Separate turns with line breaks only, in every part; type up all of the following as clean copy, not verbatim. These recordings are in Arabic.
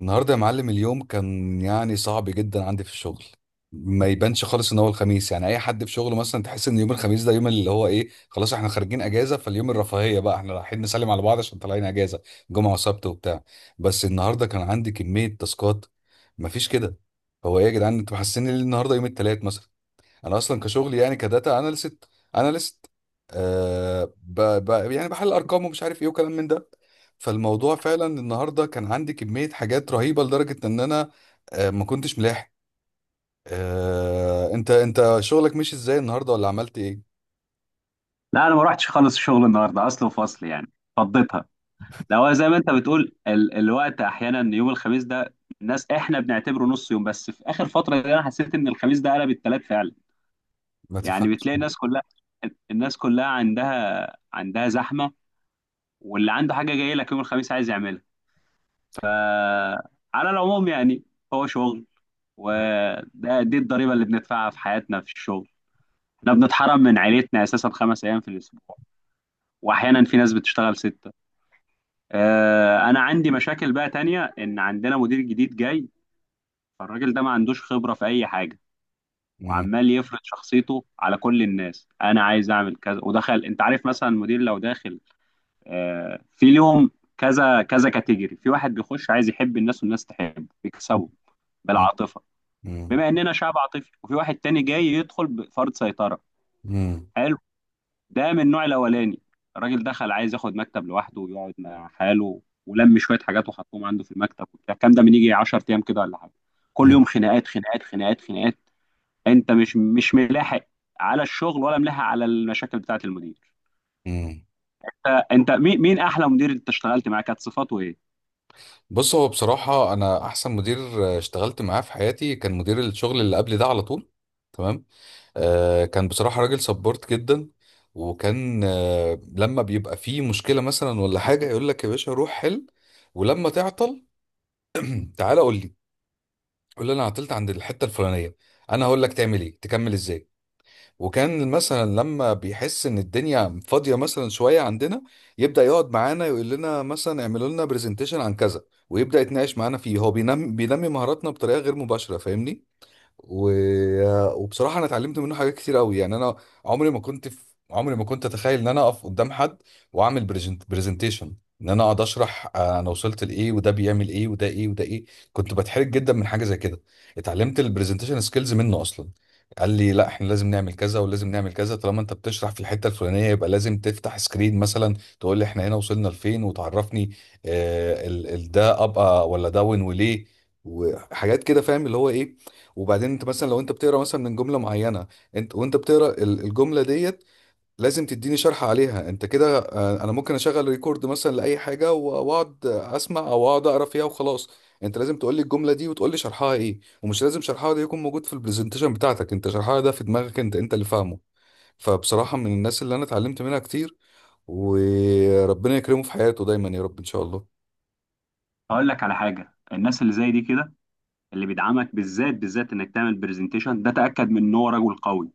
النهارده يا معلم، اليوم كان يعني صعب جدا عندي في الشغل. ما يبانش خالص ان هو الخميس، يعني اي حد في شغله مثلا تحس ان يوم الخميس ده يوم اللي هو ايه، خلاص احنا خارجين اجازه، فاليوم الرفاهيه بقى، احنا رايحين نسلم على بعض عشان طالعين اجازه، جمعه وسبت وبتاع. بس النهارده كان عندي كميه تاسكات، مفيش كده. هو ايه يا جدعان، انتوا محسسين ليه النهارده يوم الثلاث مثلا؟ انا اصلا كشغلي يعني كداتا اناليست، اناليست. يعني بحل ارقام ومش عارف ايه وكلام من ده. فالموضوع فعلا النهارده كان عندي كميه حاجات رهيبه لدرجه ان انا ما كنتش ملاحق. انت شغلك مشي ازاي النهارده ولا عملت ايه؟
لا، انا ما رحتش خالص الشغل النهارده. اصل وفصل يعني فضيتها. لا هو زي ما انت بتقول الوقت احيانا يوم الخميس ده الناس احنا بنعتبره نص يوم، بس في اخر فتره دي انا حسيت ان الخميس ده قلب التلات فعلا.
ما
يعني
تفهمش.
بتلاقي الناس كلها. الناس كلها عندها زحمه، واللي عنده حاجه جايه لك يوم الخميس عايز يعملها. على العموم يعني هو شغل، وده دي الضريبه اللي بندفعها في حياتنا في الشغل. احنا بنتحرم من عيلتنا اساسا خمس ايام في الاسبوع، واحيانا في ناس بتشتغل ست. انا عندي مشاكل بقى تانية، ان عندنا مدير جديد جاي. فالراجل ده ما عندوش خبرة في اي حاجة،
مم.
وعمال يفرض شخصيته على كل الناس. انا عايز اعمل كذا ودخل. انت عارف مثلا المدير لو داخل في اليوم، كذا كذا كاتيجوري. في واحد بيخش عايز يحب الناس والناس تحبه، يكسبه
مم.
بالعاطفة
مم.
بما اننا شعب عاطفي. وفي واحد تاني جاي يدخل بفرض سيطرة.
مم.
حلو. ده من النوع الاولاني. الراجل دخل عايز ياخد مكتب لوحده ويقعد مع حاله، ولم شويه حاجات وحطهم عنده في المكتب وبتاع الكلام ده من يجي 10 ايام كده ولا حاجه. كل يوم خناقات، خناقات، خناقات، خناقات. انت مش ملاحق على الشغل ولا ملاحق على المشاكل بتاعه المدير.
مم.
انت مين احلى مدير انت اشتغلت معاه؟ كانت صفاته ايه؟
بص، هو بصراحة أنا أحسن مدير اشتغلت معاه في حياتي كان مدير الشغل اللي قبل ده، على طول. تمام. كان بصراحة راجل سبورت جدا. وكان لما بيبقى فيه مشكلة مثلا ولا حاجة يقول لك يا باشا روح حل، ولما تعطل تعالى قول لي، قول لي أنا عطلت عند الحتة الفلانية، أنا هقول لك تعمل إيه، تكمل إزاي. وكان مثلا لما بيحس ان الدنيا فاضيه مثلا شويه عندنا، يبدا يقعد معانا يقول لنا مثلا اعملوا لنا برزنتيشن عن كذا، ويبدا يتناقش معانا فيه. هو بينمي مهاراتنا بطريقه غير مباشره، فاهمني؟ و... وبصراحه انا اتعلمت منه حاجات كتير قوي. يعني انا عمري ما كنت في... عمري ما كنت اتخيل ان انا اقف قدام حد واعمل برزنتيشن، ان انا اقعد اشرح انا وصلت لايه وده بيعمل ايه وده ايه وده ايه. كنت بتحرج جدا من حاجه زي كده. اتعلمت البرزنتيشن سكيلز منه اصلا. قال لي لا احنا لازم نعمل كذا ولازم نعمل كذا، طالما انت بتشرح في الحته الفلانيه يبقى لازم تفتح سكرين مثلا، تقول لي احنا هنا وصلنا لفين وتعرفني ده ابقى ولا داون وليه، وحاجات كده، فاهم اللي هو ايه. وبعدين انت مثلا لو انت بتقرا مثلا من جمله معينه، انت وانت بتقرا الجمله ديت، لازم تديني شرح عليها انت كده. انا ممكن اشغل ريكورد مثلا لاي حاجه واقعد اسمع او اقعد اقرا فيها وخلاص، انت لازم تقول لي الجمله دي وتقول لي شرحها ايه، ومش لازم شرحها ده يكون موجود في البرزنتيشن بتاعتك، انت شرحها ده في دماغك انت، انت اللي فاهمه. فبصراحه من الناس اللي انا اتعلمت منها كتير، وربنا يكرمه في حياته دايما يا رب ان شاء الله.
هقول لك على حاجه. الناس اللي زي دي كده، اللي بيدعمك بالذات انك تعمل برزنتيشن، ده تاكد من ان هو رجل قوي.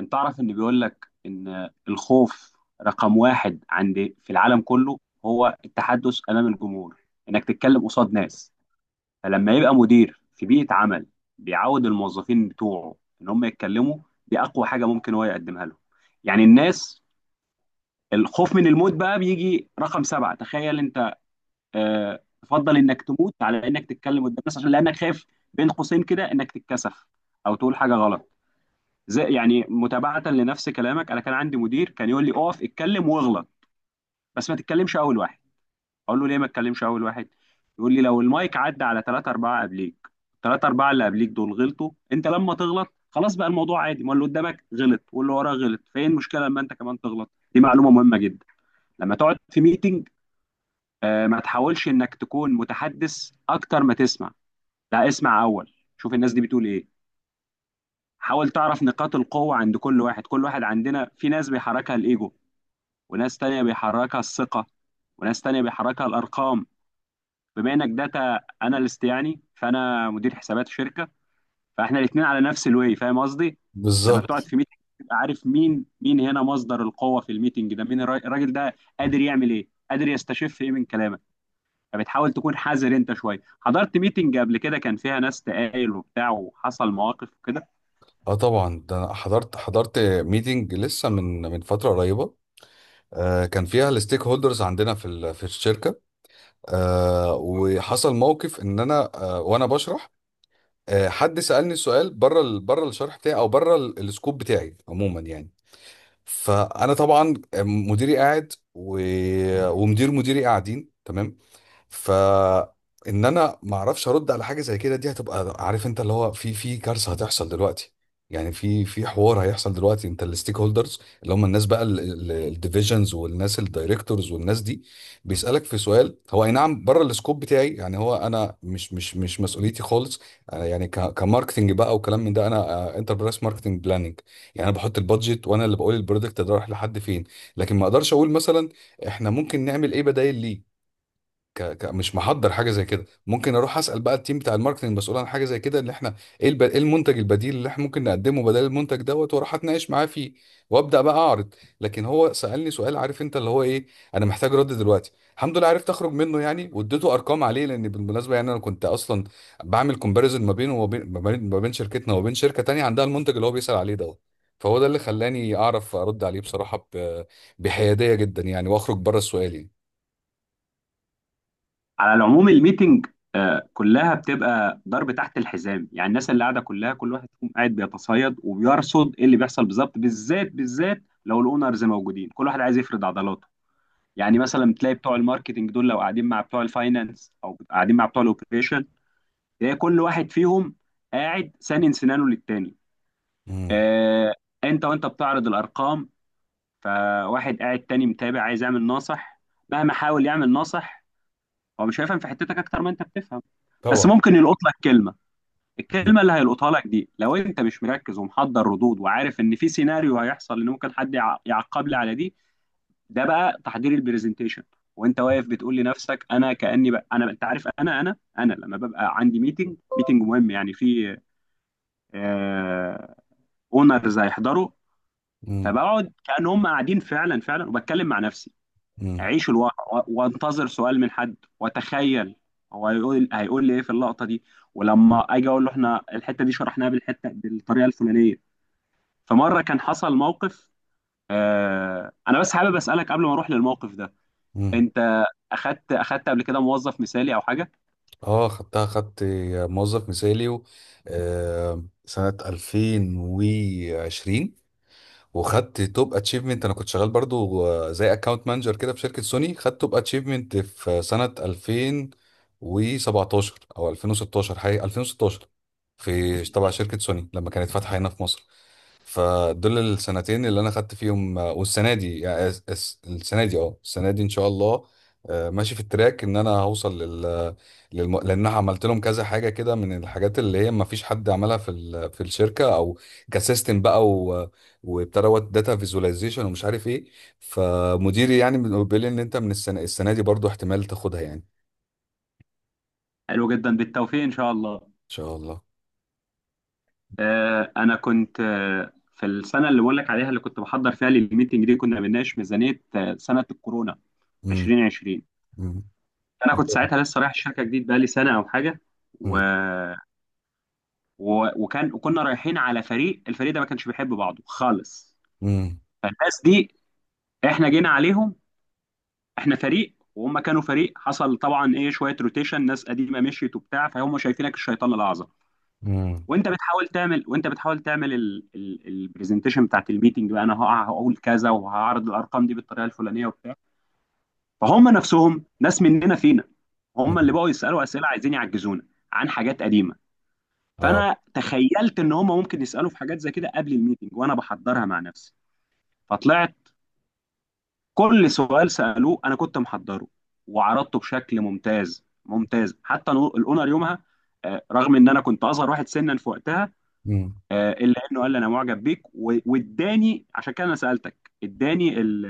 انت تعرف ان بيقول لك ان الخوف رقم واحد عند في العالم كله هو التحدث امام الجمهور، انك تتكلم قصاد ناس. فلما يبقى مدير في بيئة عمل بيعود الموظفين بتوعه ان هم يتكلموا، دي اقوى حاجة ممكن هو يقدمها لهم. يعني الناس الخوف من الموت بقى بيجي رقم سبعة، تخيل انت. اه، تفضل انك تموت على انك تتكلم قدام الناس عشان لانك خايف، بين قوسين كده انك تتكسف او تقول حاجة غلط. زي يعني متابعة لنفس كلامك، أنا كان عندي مدير كان يقول لي أقف اتكلم واغلط، بس ما تتكلمش أول واحد. أقول له ليه ما تتكلمش أول واحد؟ يقول لي لو المايك عدى على ثلاثة أربعة قبليك، ثلاثة أربعة اللي قبليك دول غلطوا، أنت لما تغلط خلاص بقى الموضوع عادي. ما اللي قدامك غلط واللي وراه غلط، فين المشكلة لما أنت كمان تغلط؟ دي معلومة مهمة جدا. لما تقعد في ميتنج، ما تحاولش إنك تكون متحدث أكتر ما تسمع. لا، اسمع أول، شوف الناس دي بتقول إيه. حاول تعرف نقاط القوة عند كل واحد. كل واحد عندنا، في ناس بيحركها الإيجو، وناس تانية بيحركها الثقة، وناس تانية بيحركها الأرقام. بما إنك داتا أناليست يعني، فأنا مدير حسابات شركة، فإحنا الاتنين على نفس الوي. فاهم قصدي؟ لما بتقعد
بالظبط.
في ميتنج تبقى عارف مين مين هنا مصدر القوة في الميتنج ده. مين الراجل ده قادر يعمل إيه؟ قادر يستشف إيه من كلامك؟ فبتحاول تكون حذر. أنت شوية حضرت ميتنج قبل كده كان فيها ناس تقايل وبتاع وحصل مواقف كده؟
اه طبعا، ده انا حضرت ميتنج لسه من فتره قريبه. كان فيها الستيك هولدرز عندنا في في الشركه. وحصل موقف ان انا، وانا بشرح، حد سالني سؤال بره بره الشرح بتاعي او بره السكوب بتاعي عموما يعني. فانا طبعا، مديري قاعد ومدير مديري قاعدين تمام، فان انا ما اعرفش ارد على حاجه زي كده، دي هتبقى عارف انت اللي هو، في كارثه هتحصل دلوقتي. يعني في حوار هيحصل دلوقتي. انت الستيك هولدرز اللي هم الناس بقى، الديفيجنز والناس الدايركتورز والناس دي، بيسالك في سؤال هو اي نعم بره السكوب بتاعي، يعني هو انا مش مسؤوليتي خالص. أنا يعني كماركتنج بقى وكلام من ده، انا انتربرايز ماركتنج بلاننج، يعني انا بحط البادجت وانا اللي بقول البرودكت ده رايح لحد فين. لكن ما اقدرش اقول مثلا احنا ممكن نعمل ايه، بدايل ليه، مش محضر حاجه زي كده. ممكن اروح اسال بقى التيم بتاع الماركتنج المسؤول عن حاجه زي كده، اللي احنا ايه المنتج البديل اللي احنا ممكن نقدمه بدل المنتج دوت، واروح اتناقش معاه فيه، وابدا بقى اعرض. لكن هو سالني سؤال، عارف انت اللي هو ايه، انا محتاج رد دلوقتي. الحمد لله عرفت اخرج منه يعني، واديته ارقام عليه، لان بالمناسبه يعني انا كنت اصلا بعمل كومباريزون ما بينه وما بين ما بين ما بين شركتنا وما بين شركه تانية عندها المنتج اللي هو بيسال عليه دوت. فهو ده اللي خلاني اعرف ارد عليه بصراحه، بحياديه جدا يعني، واخرج بره السؤال يعني.
على العموم الميتنج كلها بتبقى ضرب تحت الحزام. يعني الناس اللي قاعده كلها، كل واحد فيهم قاعد بيتصيد وبيرصد ايه اللي بيحصل بالظبط، بالذات لو الاونرز موجودين كل واحد عايز يفرض عضلاته. يعني مثلا تلاقي بتوع الماركتنج دول لو قاعدين مع بتوع الفاينانس او قاعدين مع بتوع الاوبريشن، تلاقي كل واحد فيهم قاعد سانن سنانه للتاني.
امم.
آه، انت وانت بتعرض الارقام، فواحد قاعد تاني متابع عايز يعمل ناصح. مهما حاول يعمل ناصح، هو مش هيفهم في حتتك اكتر ما انت بتفهم، بس
طبعا.
ممكن يلقط لك كلمه. الكلمه اللي هيلقطها لك دي، لو انت مش مركز ومحضر ردود وعارف ان في سيناريو هيحصل ان ممكن حد يعقب لي على دي، ده بقى تحضير البرزنتيشن. وانت واقف بتقول لنفسك انا كاني بقى انا، انت عارف، انا انا لما ببقى عندي ميتنج مهم يعني في اونرز هيحضروا،
امم.
فبقعد كأن هم قاعدين فعلا، وبتكلم مع نفسي.
امم.
اعيش الواقع وانتظر سؤال من حد واتخيل هو هيقول لي ايه في اللقطه دي، ولما اجي اقول له احنا الحته دي شرحناها بالحته بالطريقه الفلانيه. فمره كان حصل موقف. آه، انا بس حابب اسالك قبل ما اروح للموقف ده،
امم.
انت اخدت قبل كده موظف مثالي او حاجه؟
اه خدتها، خدت موظف مثالي سنة 2020، وخدت توب اتشيفمنت. انا كنت شغال برضو زي اكاونت مانجر كده في شركة سوني، خدت توب اتشيفمنت في سنة 2017 او 2016، حقيقة 2016، في تبع شركة سوني لما كانت فاتحة هنا في مصر. فدول السنتين اللي انا خدت فيهم والسنه دي يعني السنه دي اه السنه دي ان شاء الله ماشي في التراك ان انا هوصل لل, لان أنا عملت لهم كذا حاجه كده من الحاجات اللي هي ما فيش حد عملها في في الشركه او كسيستم بقى وابتدى داتا فيزواليزيشن ومش عارف ايه. فمديري يعني بيقول لي ان انت من السنه دي برضو احتمال تاخدها، يعني ان
حلو جدا، بالتوفيق ان شاء الله.
شاء الله.
آه، انا كنت، آه، في السنه اللي بقول لك عليها اللي كنت بحضر فيها للميتنج دي، كنا بنناقش ميزانيه سنه الكورونا
امم.
2020.
امم.
انا كنت ساعتها لسه رايح الشركه جديد، بقالي سنه او حاجه. و...
امم.
وكنا رايحين على فريق. الفريق ده ما كانش بيحب بعضه خالص.
امم.
فالناس دي احنا جينا عليهم، احنا فريق وهم كانوا فريق. حصل طبعا ايه شويه روتيشن، ناس قديمه مشيت وبتاع، فهم شايفينك الشيطان الاعظم.
امم.
وانت بتحاول تعمل البرزنتيشن بتاعت الميتنج بقى، انا هقول كذا وهعرض الارقام دي بالطريقه الفلانيه وبتاع. فهم نفسهم ناس مننا فينا، هم اللي
امم،
بقوا يسالوا اسئله عايزين يعجزونا عن حاجات قديمه.
اه.
فانا تخيلت ان هم ممكن يسالوا في حاجات زي كده قبل الميتنج، وانا بحضرها مع نفسي. فطلعت كل سؤال سالوه انا كنت محضره، وعرضته بشكل ممتاز ممتاز. حتى الاونر يومها، آه، رغم ان انا كنت اصغر واحد سنا في وقتها،
امم.
الا انه قال لي انا معجب بيك، واداني، عشان كده انا سالتك، اداني ال-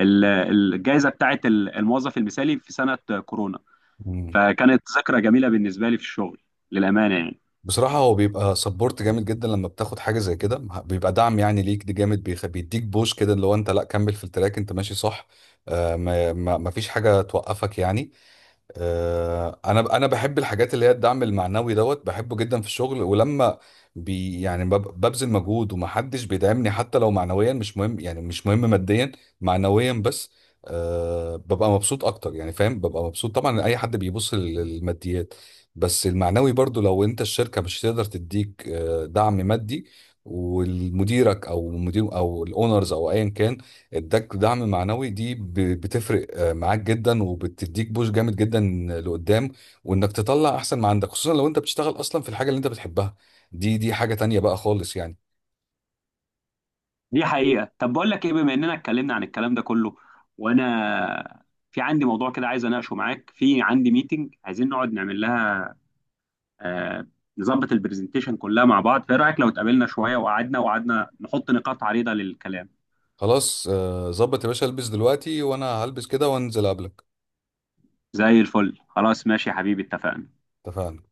ال- الجائزه بتاعت الموظف المثالي في سنه كورونا.
امم.
فكانت ذكرى جميله بالنسبه لي في الشغل، للامانه يعني.
بصراحة هو بيبقى سبورت جامد جدا لما بتاخد حاجة زي كده، بيبقى دعم يعني ليك، دي جامد، بيديك بوش كده اللي هو انت لا كمل في التراك انت ماشي صح. ما فيش حاجة توقفك يعني. انا بحب الحاجات اللي هي الدعم المعنوي دوت، بحبه جدا في الشغل. ولما ببذل مجهود ومحدش بيدعمني، حتى لو معنويا، مش مهم يعني مش مهم ماديا، معنويا بس. أه ببقى مبسوط اكتر يعني، فاهم، ببقى مبسوط طبعا. اي حد بيبص للماديات، بس المعنوي برضو، لو انت الشركة مش تقدر تديك دعم مادي، والمديرك او مدير او الاونرز او ايا كان اداك دعم معنوي، دي بتفرق معاك جدا، وبتديك بوش جامد جدا لقدام، وانك تطلع احسن ما عندك، خصوصا لو انت بتشتغل اصلا في الحاجه اللي انت بتحبها، دي حاجه تانية بقى خالص يعني.
دي حقيقة. طب بقول لك ايه، بما اننا اتكلمنا عن الكلام ده كله، وانا في عندي موضوع كده عايز اناقشه معاك. في عندي ميتنج عايزين نقعد نعمل لها، آه، نظبط البرزنتيشن كلها مع بعض. فايه رأيك لو اتقابلنا شوية وقعدنا، نحط نقاط عريضة للكلام؟
خلاص ظبط يا باشا، البس دلوقتي وانا هلبس كده وانزل قبلك.
زي الفل، خلاص ماشي يا حبيبي، اتفقنا.
اتفقنا.